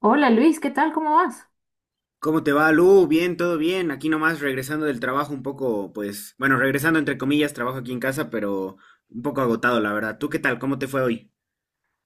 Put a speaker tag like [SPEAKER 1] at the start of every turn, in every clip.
[SPEAKER 1] Hola Luis, ¿qué tal? ¿Cómo vas?
[SPEAKER 2] ¿Cómo te va, Lu? Bien, todo bien. Aquí nomás regresando del trabajo un poco, pues, bueno, regresando entre comillas, trabajo aquí en casa, pero un poco agotado, la verdad. ¿Tú qué tal? ¿Cómo te fue hoy?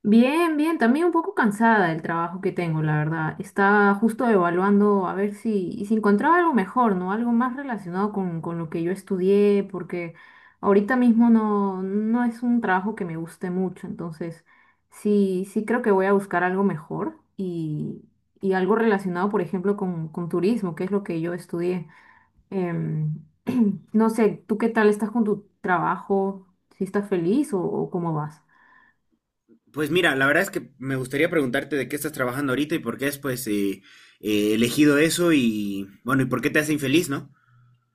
[SPEAKER 1] Bien, bien, también un poco cansada del trabajo que tengo, la verdad. Estaba justo evaluando a ver si encontraba algo mejor, ¿no? Algo más relacionado con lo que yo estudié, porque ahorita mismo no es un trabajo que me guste mucho, entonces sí, sí creo que voy a buscar algo mejor y algo relacionado, por ejemplo, con turismo, que es lo que yo estudié. Em, no sé, ¿tú qué tal estás con tu trabajo? ¿Si estás feliz o cómo vas?
[SPEAKER 2] Pues mira, la verdad es que me gustaría preguntarte de qué estás trabajando ahorita y por qué has, pues, elegido eso y, bueno, y por qué te hace infeliz, ¿no?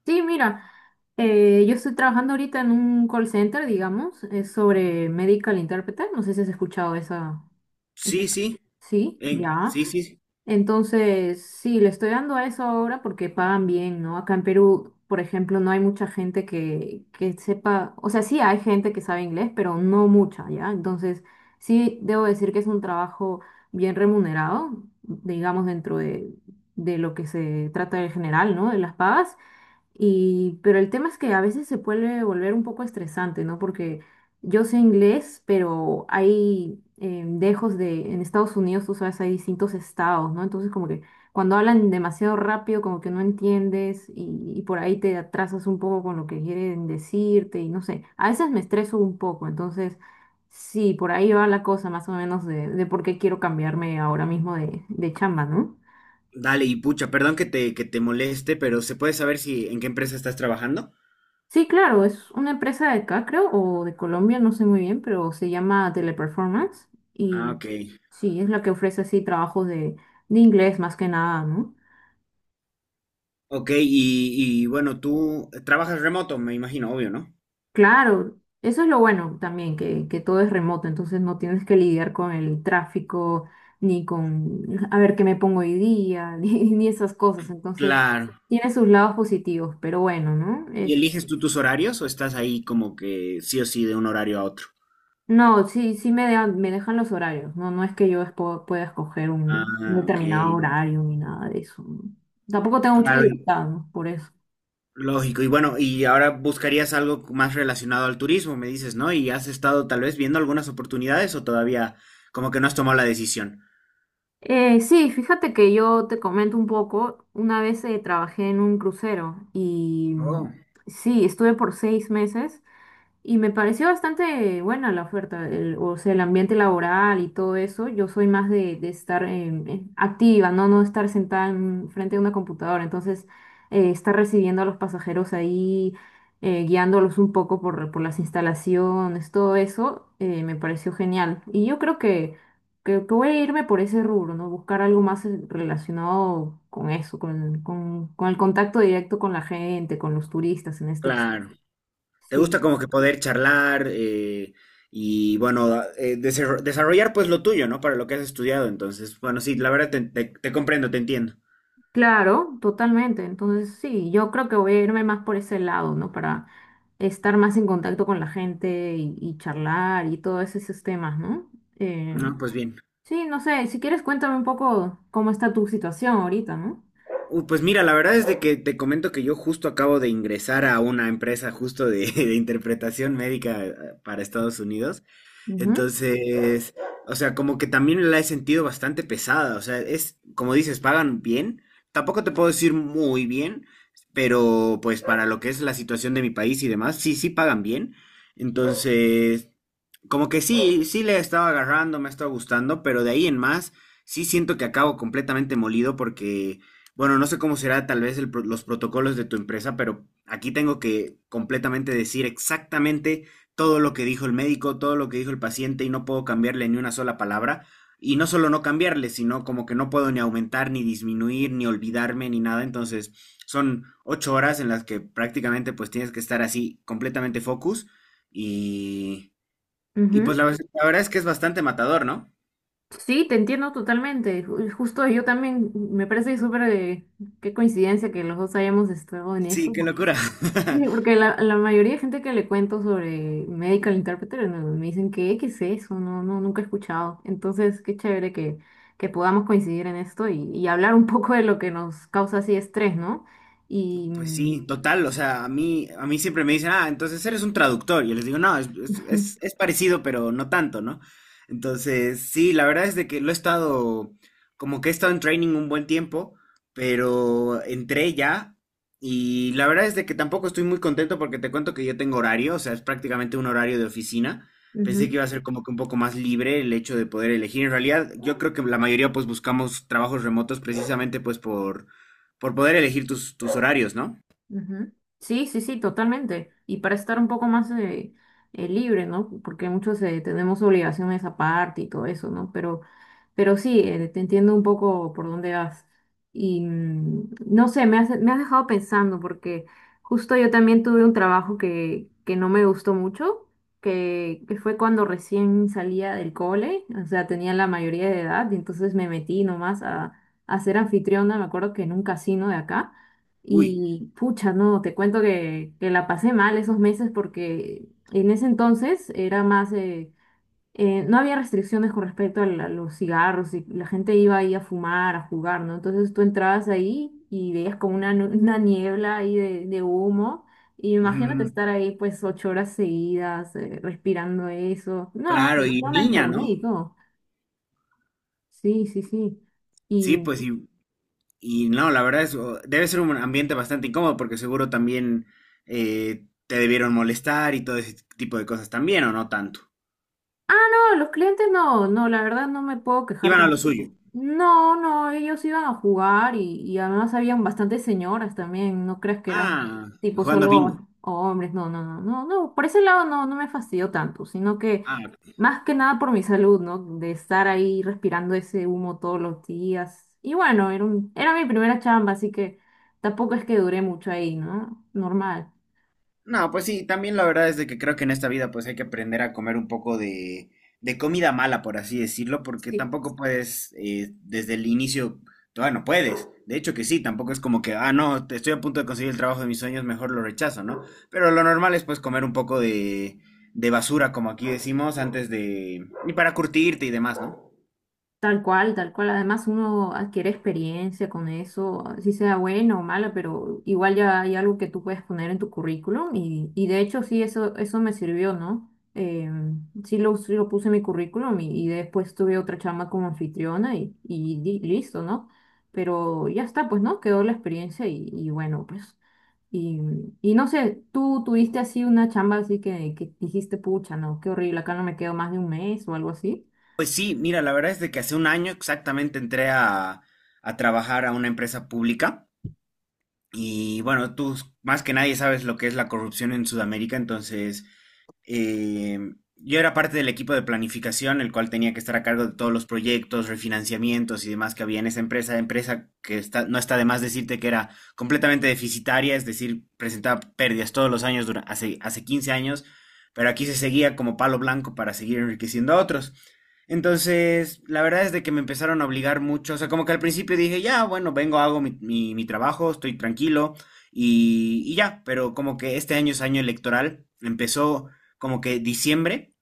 [SPEAKER 1] Sí, mira, yo estoy trabajando ahorita en un call center, digamos, es sobre medical interpreter. No sé si has escuchado esa, esa-
[SPEAKER 2] Sí, sí.
[SPEAKER 1] Sí, ya.
[SPEAKER 2] Sí, sí. Sí.
[SPEAKER 1] Entonces, sí, le estoy dando a eso ahora porque pagan bien, ¿no? Acá en Perú, por ejemplo, no hay mucha gente que sepa, o sea, sí hay gente que sabe inglés, pero no mucha, ¿ya? Entonces, sí, debo decir que es un trabajo bien remunerado, digamos, de lo que se trata en general, ¿no? De las pagas. Y, pero el tema es que a veces se puede volver un poco estresante, ¿no? Porque yo sé inglés, pero hay dejos de, en Estados Unidos, tú sabes, hay distintos estados, ¿no? Entonces como que cuando hablan demasiado rápido, como que no entiendes y por ahí te atrasas un poco con lo que quieren decirte y no sé, a veces me estreso un poco, entonces sí, por ahí va la cosa más o menos de por qué quiero cambiarme ahora mismo de chamba, ¿no?
[SPEAKER 2] Dale, y pucha, perdón que te moleste, pero ¿se puede saber si en qué empresa estás trabajando?
[SPEAKER 1] Sí, claro, es una empresa de acá, creo, o de Colombia, no sé muy bien, pero se llama Teleperformance
[SPEAKER 2] Ah,
[SPEAKER 1] y
[SPEAKER 2] ok.
[SPEAKER 1] sí, es la que ofrece así trabajos de inglés más que nada, ¿no?
[SPEAKER 2] Ok, y bueno, tú trabajas remoto, me imagino, obvio, ¿no?
[SPEAKER 1] Claro, eso es lo bueno también, que todo es remoto, entonces no tienes que lidiar con el tráfico, ni con a ver qué me pongo hoy día, ni, ni esas cosas, entonces
[SPEAKER 2] Claro.
[SPEAKER 1] tiene sus lados positivos, pero bueno, ¿no?
[SPEAKER 2] ¿Y
[SPEAKER 1] Es
[SPEAKER 2] eliges tú tus horarios o estás ahí como que sí o sí de un horario a otro?
[SPEAKER 1] no, sí, sí me dejan los horarios, no, no es que yo pueda escoger un
[SPEAKER 2] Ah, ok.
[SPEAKER 1] determinado horario ni nada de eso, ¿no? Tampoco tengo mucha
[SPEAKER 2] Claro,
[SPEAKER 1] libertad, ¿no? Por eso.
[SPEAKER 2] lógico. Y bueno, y ahora buscarías algo más relacionado al turismo, me dices, ¿no? ¿Y has estado tal vez viendo algunas oportunidades o todavía como que no has tomado la decisión?
[SPEAKER 1] Sí, fíjate que yo te comento un poco, una vez trabajé en un crucero y
[SPEAKER 2] Oh,
[SPEAKER 1] sí, estuve por 6 meses. Y me pareció bastante buena la oferta, o sea, el ambiente laboral y todo eso. Yo soy más de estar activa, ¿no? No estar sentada en frente a una computadora. Entonces, estar recibiendo a los pasajeros ahí, guiándolos un poco por las instalaciones, todo eso, me pareció genial. Y yo creo que voy a irme por ese rubro, ¿no? Buscar algo más relacionado con eso, con el contacto directo con la gente, con los turistas en este caso.
[SPEAKER 2] claro. ¿Te gusta
[SPEAKER 1] Sí.
[SPEAKER 2] como que poder charlar y bueno, desarrollar pues lo tuyo, ¿no? Para lo que has estudiado. Entonces, bueno, sí, la verdad te comprendo, te entiendo.
[SPEAKER 1] Claro, totalmente. Entonces, sí, yo creo que voy a irme más por ese lado, ¿no? Para estar más en contacto con la gente y charlar y todos esos temas, ¿no? Eh,
[SPEAKER 2] No, pues bien.
[SPEAKER 1] sí, no sé, si quieres cuéntame un poco cómo está tu situación ahorita, ¿no?
[SPEAKER 2] Pues mira, la verdad es de que te comento que yo justo acabo de ingresar a una empresa justo de, de interpretación médica para Estados Unidos.
[SPEAKER 1] Ujú,
[SPEAKER 2] Entonces, o sea, como que también la he sentido bastante pesada. O sea, es, como dices, pagan bien. Tampoco te puedo decir muy bien, pero pues para lo que es la situación de mi país y demás, sí, sí pagan bien. Entonces, como que sí, sí le estaba agarrando, me ha gustando, pero de ahí en más, sí siento que acabo completamente molido porque, bueno, no sé cómo será tal vez los protocolos de tu empresa, pero aquí tengo que completamente decir exactamente todo lo que dijo el médico, todo lo que dijo el paciente y no puedo cambiarle ni una sola palabra. Y no solo no cambiarle, sino como que no puedo ni aumentar, ni disminuir, ni olvidarme, ni nada. Entonces, son 8 horas en las que prácticamente pues tienes que estar así completamente focus y... Y pues
[SPEAKER 1] ujú.
[SPEAKER 2] la verdad es que es bastante matador, ¿no?
[SPEAKER 1] Sí, te entiendo totalmente. Justo yo también, me parece súper de qué coincidencia que los dos hayamos estado en
[SPEAKER 2] Sí,
[SPEAKER 1] eso,
[SPEAKER 2] qué
[SPEAKER 1] porque
[SPEAKER 2] locura.
[SPEAKER 1] sí, porque la mayoría de gente que le cuento sobre Medical Interpreter no, me dicen que, ¿qué es eso? No, no, nunca he escuchado. Entonces, qué chévere que podamos coincidir en esto y hablar un poco de lo que nos causa así estrés, ¿no? Y
[SPEAKER 2] Pues sí, total, o sea, a mí siempre me dicen, ah, entonces eres un traductor. Y yo les digo, no, es parecido, pero no tanto, ¿no? Entonces, sí, la verdad es de que lo he estado, como que he estado en training un buen tiempo, pero entré ya y la verdad es de que tampoco estoy muy contento porque te cuento que yo tengo horario, o sea, es prácticamente un horario de oficina. Pensé que
[SPEAKER 1] ujú,
[SPEAKER 2] iba a ser como que un poco más libre el hecho de poder elegir. En realidad, yo creo que la mayoría pues buscamos trabajos remotos precisamente pues por poder elegir tus horarios, ¿no?
[SPEAKER 1] ujú. Sí, sí, sí, totalmente. Y para estar un poco más libre, ¿no? Porque muchos tenemos obligaciones aparte y todo eso, ¿no? Pero sí, te entiendo un poco por dónde vas. Y no sé, me has dejado pensando porque justo yo también tuve un trabajo que no me gustó mucho, que fue cuando recién salía del cole, o sea, tenía la mayoría de edad y entonces me metí nomás a ser anfitriona, me acuerdo que en un casino de acá.
[SPEAKER 2] Uy,
[SPEAKER 1] Y pucha, no, te cuento que la pasé mal esos meses porque en ese entonces era más... no había restricciones con respecto a, a los cigarros y la gente iba ahí a fumar, a jugar, ¿no? Entonces tú entrabas ahí y veías como una, una niebla ahí de humo. Y imagínate
[SPEAKER 2] mm,
[SPEAKER 1] estar ahí pues 8 horas seguidas respirando eso. No, no,
[SPEAKER 2] claro, y
[SPEAKER 1] yo me
[SPEAKER 2] niña,
[SPEAKER 1] enfermé
[SPEAKER 2] ¿no?
[SPEAKER 1] y todo. Sí, sí, sí.
[SPEAKER 2] Sí,
[SPEAKER 1] Y
[SPEAKER 2] pues y no, la verdad es, debe ser un ambiente bastante incómodo porque seguro también te debieron molestar y todo ese tipo de cosas también, ¿o no tanto?
[SPEAKER 1] no, los clientes no, no, la verdad no me puedo quejar
[SPEAKER 2] Iban a lo suyo.
[SPEAKER 1] tampoco. No, no, ellos iban a jugar y además habían bastantes señoras también, no creas que eran
[SPEAKER 2] Ah,
[SPEAKER 1] tipo
[SPEAKER 2] jugando
[SPEAKER 1] solo
[SPEAKER 2] bingo.
[SPEAKER 1] hombres, no, no, no, no, no, por ese lado no, no me fastidió tanto, sino que
[SPEAKER 2] Ah,
[SPEAKER 1] más que nada por mi salud, ¿no? De estar ahí respirando ese humo todos los días. Y bueno, era mi primera chamba, así que tampoco es que duré mucho ahí, ¿no? Normal.
[SPEAKER 2] no, pues sí, también la verdad es de que creo que en esta vida pues hay que aprender a comer un poco de comida mala, por así decirlo, porque
[SPEAKER 1] Sí.
[SPEAKER 2] tampoco puedes desde el inicio, todavía no puedes. De hecho que sí, tampoco es como que, ah, no, estoy a punto de conseguir el trabajo de mis sueños, mejor lo rechazo, ¿no? Pero lo normal es pues comer un poco de basura, como aquí decimos, antes de... y para curtirte y demás, ¿no?
[SPEAKER 1] Tal cual, tal cual. Además, uno adquiere experiencia con eso, si sea buena o mala, pero igual ya hay algo que tú puedes poner en tu currículum y de hecho sí, eso me sirvió, ¿no? Sí lo puse en mi currículum y después tuve otra chamba como anfitriona y, listo, ¿no? Pero ya está, pues, ¿no? Quedó la experiencia y bueno, pues. Y, y no sé, tú tuviste así una chamba así que dijiste, pucha, no, qué horrible, acá no me quedo más de un mes o algo así.
[SPEAKER 2] Pues sí, mira, la verdad es de que hace un año exactamente entré a trabajar a una empresa pública. Y bueno, tú más que nadie sabes lo que es la corrupción en Sudamérica, entonces eh, yo era parte del equipo de planificación, el cual tenía que estar a cargo de todos los proyectos, refinanciamientos y demás que había en esa empresa, empresa que está, no está de más decirte que era completamente deficitaria, es decir, presentaba pérdidas todos los años durante, hace 15 años, pero aquí se seguía como palo blanco para seguir enriqueciendo a otros. Entonces, la verdad es de que me empezaron a obligar mucho, o sea, como que al principio dije, ya, bueno, vengo, hago mi trabajo, estoy tranquilo y ya, pero como que este año es año electoral, empezó como que diciembre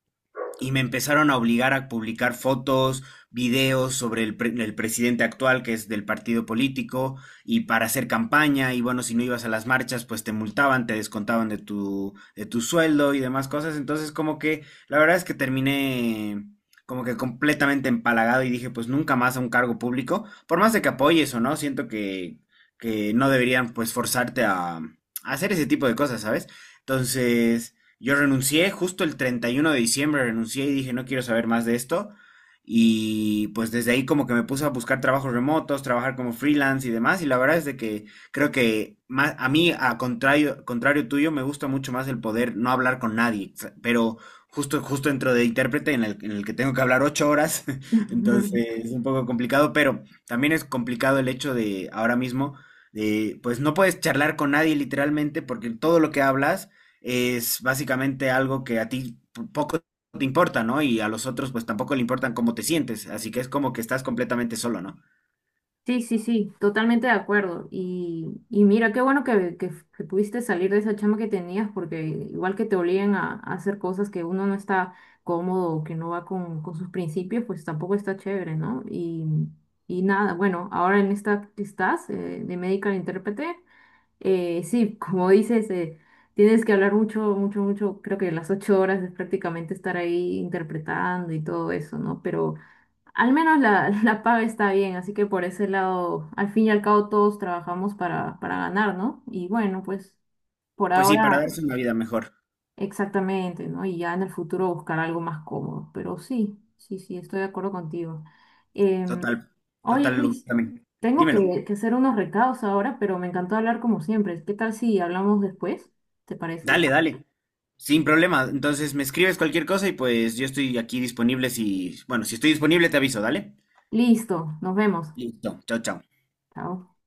[SPEAKER 2] y me empezaron a obligar a publicar fotos, videos sobre el presidente actual, que es del partido político, y para hacer campaña, y bueno, si no ibas a las marchas, pues te multaban, te descontaban de tu sueldo y demás cosas. Entonces, como que la verdad es que terminé como que completamente empalagado y dije, pues nunca más a un cargo público, por más de que apoyes o no, siento que no deberían pues forzarte a hacer ese tipo de cosas, ¿sabes? Entonces... Yo renuncié justo el 31 de diciembre, renuncié y dije, no quiero saber más de esto. Y pues desde ahí como que me puse a buscar trabajos remotos, trabajar como freelance y demás. Y la verdad es de que creo que más, a mí, a contrario, contrario tuyo, me gusta mucho más el poder no hablar con nadie. O sea, pero justo dentro de intérprete en en el que tengo que hablar 8 horas, entonces es un poco complicado, pero también es complicado el hecho de ahora mismo, de, pues no puedes charlar con nadie literalmente porque todo lo que hablas es básicamente algo que a ti poco te importa, ¿no? Y a los otros pues tampoco le importan cómo te sientes, así que es como que estás completamente solo, ¿no?
[SPEAKER 1] Sí, sí, sí, totalmente de acuerdo. Y mira, qué bueno que pudiste salir de esa chama que tenías, porque igual que te obligan a hacer cosas que uno no está cómodo o que no va con sus principios, pues tampoco está chévere, ¿no? Y nada, bueno, ahora en esta que estás de medical intérprete, sí, como dices, tienes que hablar mucho, mucho, mucho, creo que las 8 horas es prácticamente estar ahí interpretando y todo eso, ¿no? Pero... al menos la, la paga está bien, así que por ese lado, al fin y al cabo todos trabajamos para ganar, ¿no? Y bueno, pues por
[SPEAKER 2] Pues sí,
[SPEAKER 1] ahora
[SPEAKER 2] para darse una vida mejor,
[SPEAKER 1] exactamente, ¿no? Y ya en el futuro buscar algo más cómodo, pero sí, sí, sí, estoy de acuerdo contigo. Em,
[SPEAKER 2] total,
[SPEAKER 1] oye,
[SPEAKER 2] total,
[SPEAKER 1] Luis,
[SPEAKER 2] ubícame.
[SPEAKER 1] tengo
[SPEAKER 2] Dímelo,
[SPEAKER 1] que hacer unos recados ahora, pero me encantó hablar como siempre. ¿Qué tal si hablamos después? ¿Te parece?
[SPEAKER 2] dale, dale, sin problema, entonces me escribes cualquier cosa y pues yo estoy aquí disponible si, bueno, si estoy disponible te aviso, dale.
[SPEAKER 1] Listo, nos vemos.
[SPEAKER 2] Listo, chao, chao.
[SPEAKER 1] Chao.